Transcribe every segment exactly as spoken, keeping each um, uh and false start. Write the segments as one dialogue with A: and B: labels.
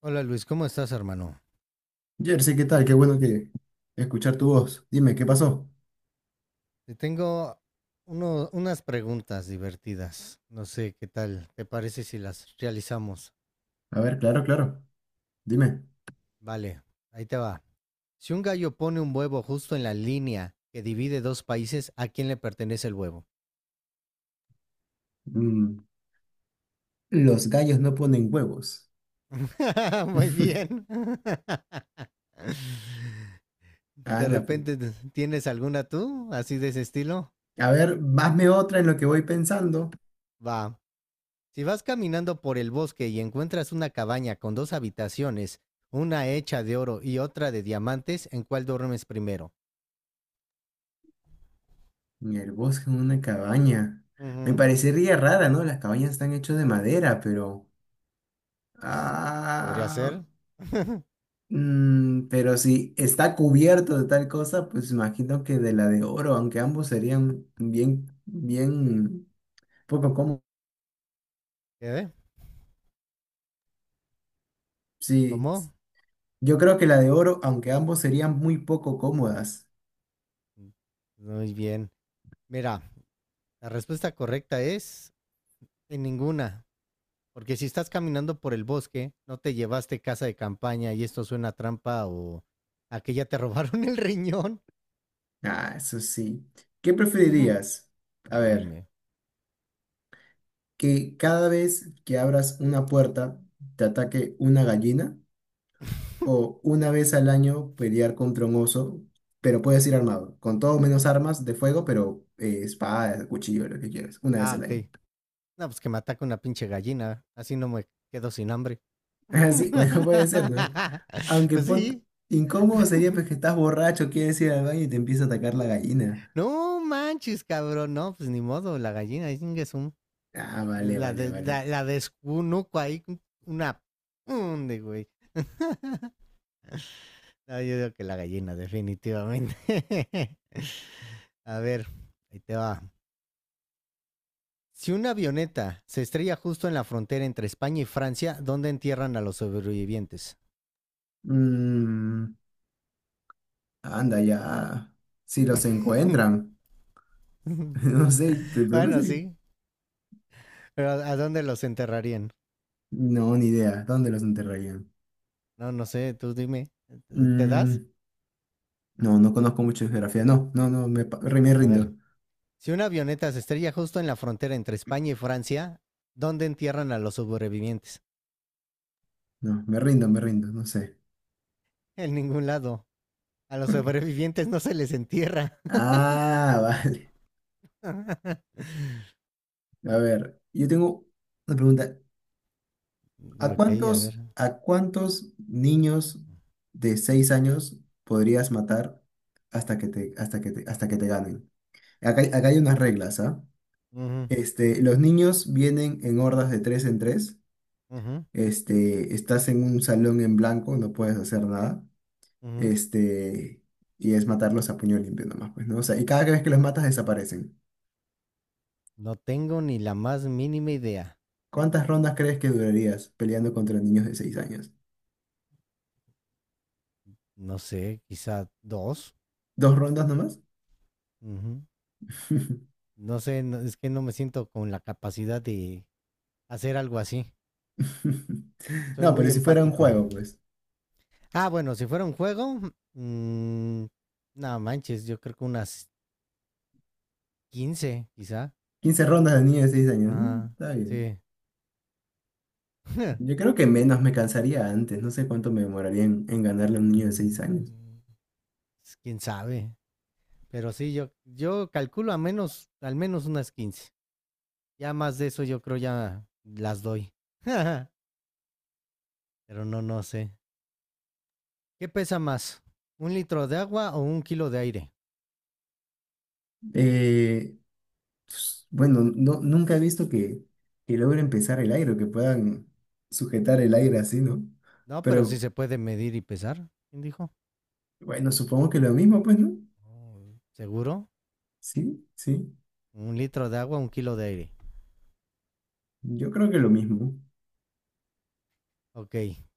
A: Hola Luis, ¿cómo estás, hermano?
B: Jersey, ¿qué tal? Qué bueno que escuchar tu voz. Dime, ¿qué pasó?
A: Te tengo uno- unas preguntas divertidas. No sé qué tal. ¿Te parece si las realizamos?
B: A ver, claro, claro. Dime.
A: Vale, ahí te va. Si un gallo pone un huevo justo en la línea que divide dos países, ¿a quién le pertenece el huevo?
B: Mm, los gallos no ponen huevos.
A: Muy bien. ¿De
B: Anda, pi.
A: repente tienes alguna tú, así de ese estilo?
B: A ver, hazme otra en lo que voy pensando.
A: Va. Si vas caminando por el bosque y encuentras una cabaña con dos habitaciones, una hecha de oro y otra de diamantes, ¿en cuál duermes primero?
B: En el bosque, en una cabaña. Me
A: Ujú,
B: parecería rara, ¿no? Las cabañas están hechas de madera, pero...
A: pues, podría
B: Ah,
A: ser.
B: mm, pero si está cubierto de tal cosa, pues imagino que de la de oro, aunque ambos serían bien, bien poco... com-
A: ¿Qué?
B: Sí.
A: ¿Cómo?
B: Yo creo que la de oro, aunque ambos serían muy poco cómodas.
A: Muy bien. Mira, la respuesta correcta es en ninguna. Porque si estás caminando por el bosque, no te llevaste casa de campaña y esto suena a trampa o a que ya te robaron el riñón.
B: Ah, eso sí. ¿Qué preferirías? A ver,
A: Dime.
B: que cada vez que abras una puerta te ataque una gallina o una vez al año pelear contra un oso, pero puedes ir armado, con todo menos armas de fuego, pero eh, espada, cuchillo, lo que quieras, una vez
A: Ah,
B: al año.
A: ok. No, pues que me ataca una pinche gallina. Así no me quedo sin hambre.
B: Así, bueno, puede ser, ¿no? Aunque
A: Pues
B: pon-
A: sí.
B: Incómodo sería pues que estás borracho, quieres ir al baño y te empieza a atacar la gallina.
A: No manches, cabrón. No, pues ni modo. La gallina, es un.
B: Ah, vale,
A: La,
B: vale,
A: de,
B: vale.
A: la, la descunuco ahí. Una. Hunde, güey. No, yo digo que la gallina, definitivamente. A ver, ahí te va. Si una avioneta se estrella justo en la frontera entre España y Francia, ¿dónde entierran a los sobrevivientes?
B: Mm, anda ya. Si los encuentran. No sé, pero el problema es
A: Bueno,
B: el-
A: sí, pero ¿a dónde los enterrarían?
B: No, ni idea. ¿Dónde los enterrarían?
A: No, no sé, tú dime. ¿Te das?
B: Mm, no, no conozco mucho de geografía. No, no, no, me, pa- re- me
A: A
B: rindo.
A: ver. Si una avioneta se estrella justo en la frontera entre España y Francia, ¿dónde entierran a los sobrevivientes?
B: No, me rindo, me rindo. No sé.
A: En ningún lado. A los
B: ¿Por qué?
A: sobrevivientes no se les entierra.
B: Ah, vale. A ver, yo tengo una pregunta. ¿A
A: Ok, a ver.
B: cuántos, a cuántos niños de seis años podrías matar hasta que te, hasta que te, hasta que te ganen? Acá, hay- acá hay unas reglas, ¿ah?
A: Ujú,
B: Este, los niños vienen en hordas de tres en tres.
A: ujú,
B: Este, estás en un salón en blanco, no puedes hacer nada.
A: ujú.
B: Este, y es matarlos a puño limpio nomás, pues, ¿no? O sea, y cada vez que los matas desaparecen.
A: No tengo ni la más mínima idea.
B: ¿Cuántas rondas crees que durarías peleando contra niños de seis años?
A: No sé, quizá dos.
B: ¿Dos rondas nomás?
A: Ujú. No sé, no- es que no me siento con la capacidad de hacer algo así. Soy
B: No,
A: muy
B: pero si fuera un
A: empático.
B: juego, pues.
A: Ah, bueno, si fuera un juego, mm, no manches, yo creo que unas quince, quizá.
B: quince rondas de niños de seis años. mm,
A: Ajá,
B: Está bien.
A: sí.
B: Yo creo que menos me cansaría antes. No sé cuánto me demoraría en, en ganarle a un niño de seis años.
A: Mm, pues, quién sabe. Pero sí, yo, yo calculo a menos, al menos unas quince. Ya más de eso, yo creo ya las doy. Pero no, no sé. ¿Qué pesa más? ¿Un litro de agua o un kilo de aire?
B: Eh, pues, Bueno, no, nunca he visto que, que logren pesar el aire o que puedan sujetar el
A: Mm.
B: aire así, ¿no?
A: No, pero sí
B: Pero
A: se puede medir y pesar. ¿Quién dijo?
B: bueno, supongo que lo mismo, pues, ¿no?
A: Oh. ¿Seguro?
B: Sí, sí.
A: Un litro de agua, un kilo de aire.
B: Yo creo que lo mismo.
A: Ok,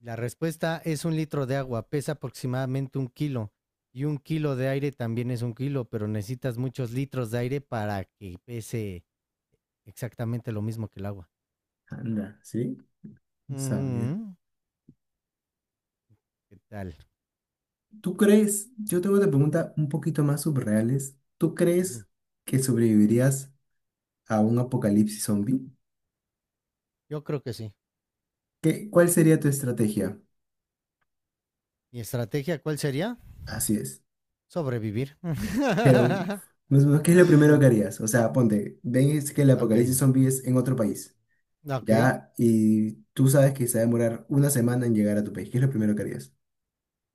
A: la respuesta es un litro de agua, pesa aproximadamente un kilo y un kilo de aire también es un kilo, pero necesitas muchos litros de aire para que pese exactamente lo mismo que el agua.
B: Anda, ¿sí? Sabía.
A: Ujú, ¿qué tal?
B: ¿Tú crees? Yo tengo una pregunta un poquito más subreales. ¿Tú
A: Ujú.
B: crees que sobrevivirías a un apocalipsis zombie?
A: Yo creo que sí.
B: ¿Qué, cuál sería tu estrategia?
A: ¿Y estrategia cuál sería?
B: Así es.
A: Sobrevivir.
B: Pero, más o menos, ¿qué es lo primero que harías? O sea, ponte, ves que el
A: Ok,
B: apocalipsis zombie es en otro país.
A: ok.
B: ya, y tú sabes que se va a demorar una semana en llegar a tu país. ¿Qué es lo primero que harías?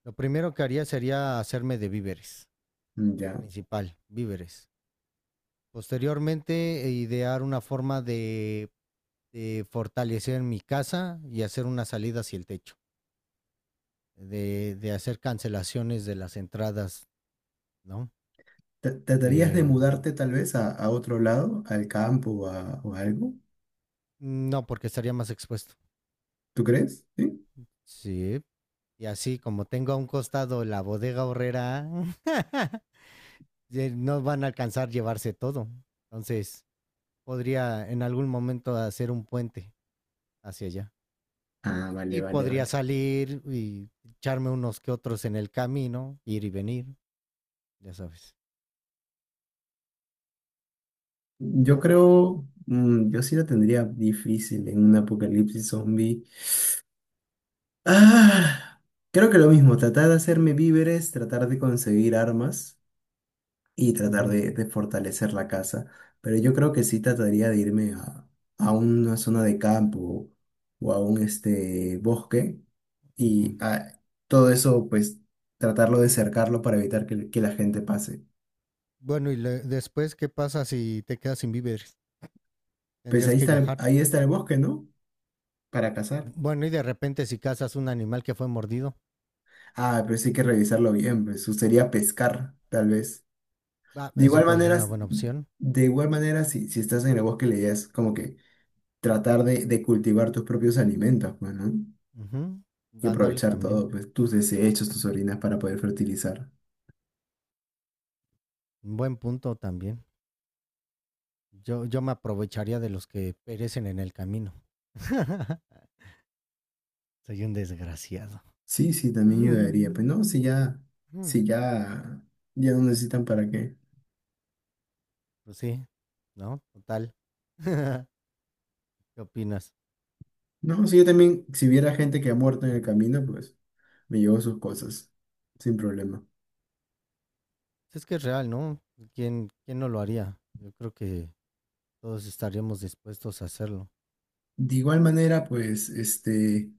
A: Lo primero que haría sería hacerme de víveres,
B: Mm, Ya.
A: principal, víveres. Posteriormente, e idear una forma de, de fortalecer mi casa y hacer una salida hacia el techo, de, de hacer cancelaciones de las entradas, ¿no?
B: ¿Tra- ¿Tratarías de
A: Eh,
B: mudarte tal vez a, a otro lado, al campo o, a- o algo?
A: no, porque estaría más expuesto.
B: ¿Tú crees? ¿Sí?
A: Sí. Y así como tengo a un costado la bodega horrera, no van a alcanzar llevarse todo. Entonces, podría en algún momento hacer un puente hacia allá.
B: Ah, vale,
A: Y
B: vale,
A: podría
B: vale.
A: salir y echarme unos que otros en el camino, ir y venir. Ya sabes.
B: Yo
A: ¿Tú?
B: creo, mm, yo sí lo tendría difícil en un apocalipsis zombie. Ah, creo que lo mismo, tratar de hacerme víveres, tratar de conseguir armas. Y tratar
A: Ujú,
B: de, de fortalecer la casa. Pero yo creo que sí trataría de irme a, a una zona de campo o a un este, bosque
A: ujú.
B: y a- todo eso, pues tratarlo de cercarlo para evitar que, que la gente pase.
A: Bueno, y le- después, ¿qué pasa si te quedas sin víveres?
B: Pues
A: Tendrías
B: ahí
A: que
B: está, el-
A: viajar.
B: ahí está el bosque, ¿no? Para cazar.
A: Bueno, y de repente si cazas un animal que fue mordido,
B: Ah, pero sí hay que revisarlo bien, pues sería pescar, tal vez.
A: ah,
B: De
A: eso
B: igual
A: puede ser
B: manera,
A: una
B: s-
A: buena opción.
B: de igual manera, si, si estás en el bosque, la idea es como que tratar de, de cultivar tus propios alimentos, pues, ¿no?
A: Ujú,
B: Y
A: ándale
B: aprovechar
A: también.
B: todo, pues tus desechos, tus orinas para poder fertilizar.
A: Buen punto también. Yo, yo me aprovecharía de los que perecen en el camino. Soy un desgraciado.
B: Sí, sí, también ayudaría. Pues no,
A: Mm,
B: si ya,
A: mm.
B: si ya, ya no necesitan para qué.
A: Pues sí, ¿no? Total. ¿Qué opinas?
B: No, si yo también, si hubiera gente que ha muerto en el camino, pues me llevo sus cosas, sin problema.
A: Pues es que es real, ¿no? ¿Quién, quién no lo haría? Yo creo que todos estaríamos dispuestos a hacerlo.
B: De igual manera, pues, este,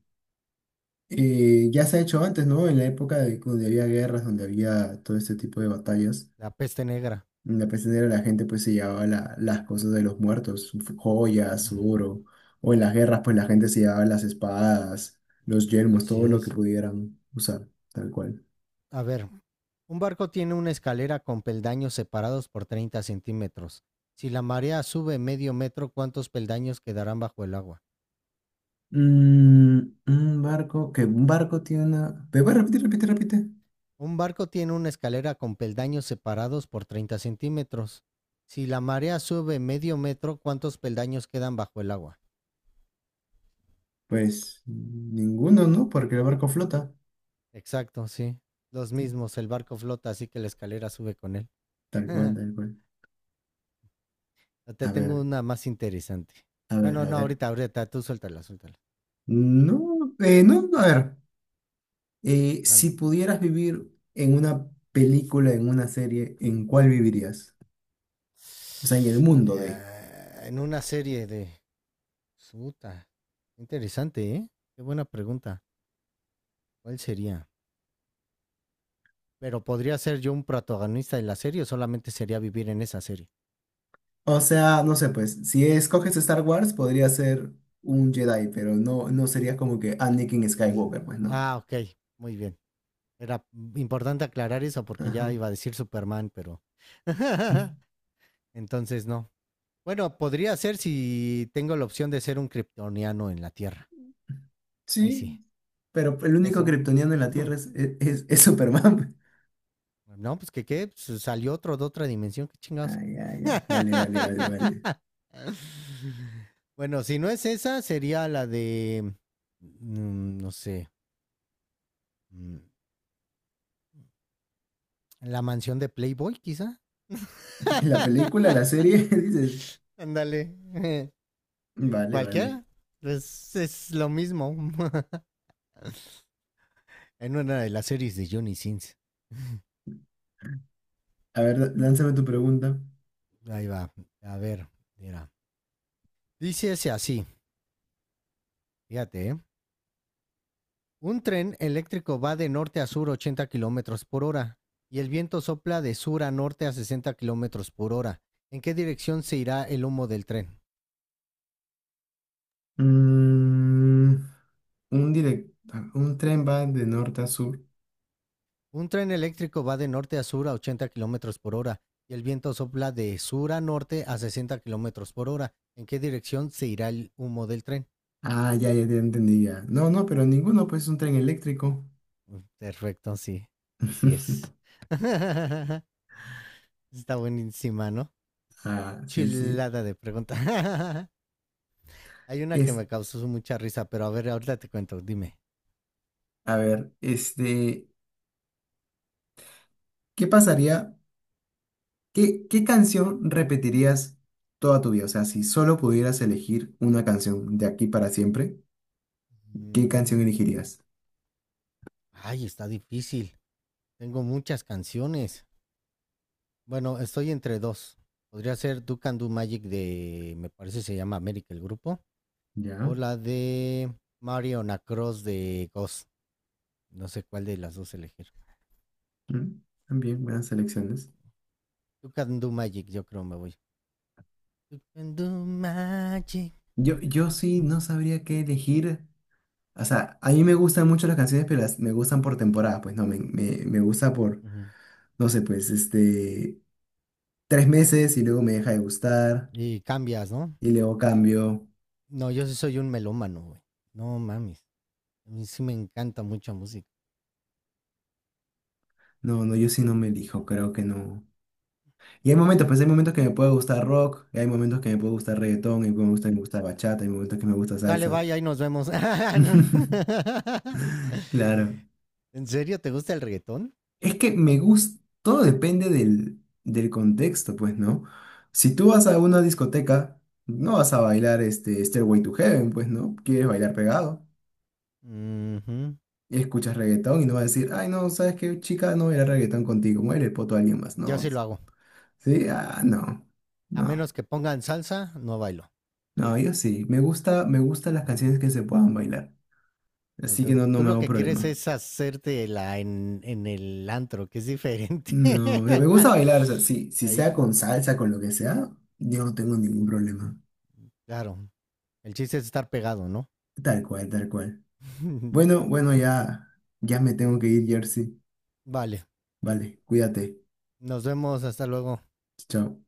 B: eh, ya se ha hecho antes, ¿no? En la época de, donde había guerras, donde había todo este tipo de batallas
A: La peste negra.
B: en La peste la gente pues se llevaba la- las cosas de los muertos, su f- joyas, su oro. O en las guerras pues la gente se llevaba las espadas, los yelmos,
A: Así
B: todo lo que
A: es.
B: pudieran usar, tal cual.
A: A ver, un barco tiene una escalera con peldaños separados por treinta centímetros. Si la marea sube medio metro, ¿cuántos peldaños quedarán bajo el agua?
B: Mm, un barco, que un barco tiene una... ¿Me puedes repetir, repite, repite?
A: Un barco tiene una escalera con peldaños separados por treinta centímetros. Si la marea sube medio metro, ¿cuántos peldaños quedan bajo el agua?
B: Pues ninguno, ¿no? Porque el barco flota.
A: Exacto, sí. Los
B: Sí,
A: mismos, el barco flota, así que la escalera sube con él.
B: tal cual, tal cual.
A: Te
B: A
A: tengo
B: ver,
A: una más interesante.
B: a ver,
A: Bueno,
B: a
A: no,
B: ver.
A: ahorita, ahorita, tú suéltala, suéltala.
B: No, eh, no, a ver. eh, si
A: Man.
B: pudieras vivir en una película, en una serie, ¿en cuál vivirías? O sea, en el mundo de.
A: Eh, en una serie de... Suta. Interesante, ¿eh? Qué buena pregunta. ¿Cuál sería? Pero podría ser yo un protagonista de la serie o solamente sería vivir en esa serie.
B: O sea, no sé, pues, si escoges Star Wars, podría ser un Jedi, pero no, no sería como que Anakin
A: L-
B: Skywalker, pues, ¿no?
A: Ah, ok, muy bien. Era importante aclarar eso porque ya
B: Ajá.
A: iba a decir Superman, pero... Entonces no. Bueno, podría ser si tengo la opción de ser un kryptoniano en la Tierra. Ahí sí.
B: Sí, pero el único
A: Eso.
B: kryptoniano en la
A: Ujú.
B: Tierra es, es, es Superman.
A: No, pues que qué, pues, salió otro de otra dimensión, qué
B: Ah,
A: chingados.
B: ya, ya. Vale, vale, vale, vale.
A: Bueno, si no es esa, sería la de, mm, no sé, mm, la mansión de Playboy, quizá.
B: La película, la serie, dices.
A: Ándale,
B: Vale, vale.
A: cualquiera. Pues, es lo mismo en una de las series de Johnny Sins.
B: A ver, lánzame tu pregunta.
A: Ahí va, a ver, mira. Dice ese así, fíjate, ¿eh? Un tren eléctrico va de norte a sur ochenta kilómetros por hora y el viento sopla de sur a norte a sesenta kilómetros por hora. ¿En qué dirección se irá el humo del tren?
B: Mm, un direct, un tren va de norte a sur.
A: Un tren eléctrico va de norte a sur a ochenta kilómetros por hora y el viento sopla de sur a norte a sesenta kilómetros por hora. ¿En qué dirección se irá el humo del tren?
B: Ah, ya, ya, ya entendí ya. No, no, pero ninguno, pues es un tren eléctrico.
A: Mm, Perfecto, sí, así es. Está buenísima, ¿no?
B: Ah, sí, sí.
A: Chilada de pregunta. Hay una que
B: Es,
A: me causó mucha risa, pero a ver, ahorita te cuento, dime.
B: a ver, este, ¿qué pasaría? ¿Qué, qué canción repetirías toda tu vida? O sea, si solo pudieras elegir una canción de aquí para siempre, ¿qué
A: Mm,
B: canción elegirías?
A: Ay, está difícil. Tengo muchas canciones. Bueno, estoy entre dos. Podría ser Do Can Do Magic de, me parece se llama América el grupo, o
B: Ya,
A: la de Mario Cross de Ghost. No sé cuál de las dos elegir.
B: mm, también buenas selecciones.
A: Do Can Do Magic, yo creo me voy. Do Can Do Magic.
B: Yo, yo sí no sabría qué elegir. O sea, a mí me gustan mucho las canciones, pero las, me gustan por temporada. Pues no, me, me, me gusta por,
A: Ujú.
B: no sé, pues este, tres meses y luego me deja de gustar
A: Y cambias, ¿no?
B: y luego cambio.
A: No, yo sí soy un melómano, güey. No mames. A mí sí me encanta mucha música.
B: No, no, yo sí no me elijo, creo que no. Y hay momentos, pues hay momentos que me puede gustar rock, y hay momentos que me puede gustar reggaetón, y me gusta, me gusta bachata, hay momentos que me gusta
A: Sale,
B: salsa.
A: vaya, y nos vemos. No.
B: Claro.
A: ¿En serio te gusta el reggaetón?
B: Es que me gusta, todo depende del, del contexto, pues, ¿no? Si tú vas a una discoteca, no vas a bailar este Stairway to Heaven, pues, ¿no? Quieres bailar pegado,
A: Ujú.
B: y escuchas reggaetón y no vas a decir, ay, no, ¿sabes qué, chica? No voy a bailar reggaetón contigo, muere el poto a alguien más.
A: Yo
B: No,
A: sí lo hago.
B: sí, ah, no,
A: A
B: no.
A: menos que pongan salsa, no bailo.
B: No, yo sí. Me gusta, me gustan las
A: Ujú.
B: canciones que se puedan bailar. Así que no,
A: Entonces,
B: no
A: tú
B: me
A: lo
B: hago
A: que quieres
B: problema.
A: es hacerte la en, en, el antro, que es diferente.
B: No, o sea, me gusta bailar, o sea, sí, si
A: Ahí,
B: sea con salsa, con lo que sea, yo no tengo ningún
A: ujú.
B: problema.
A: Claro. El chiste es estar pegado, ¿no?
B: Tal cual, tal cual. Bueno, bueno, ya, ya me tengo que ir, Jersey.
A: Vale.
B: Vale, cuídate.
A: Nos vemos. Hasta luego.
B: Chao.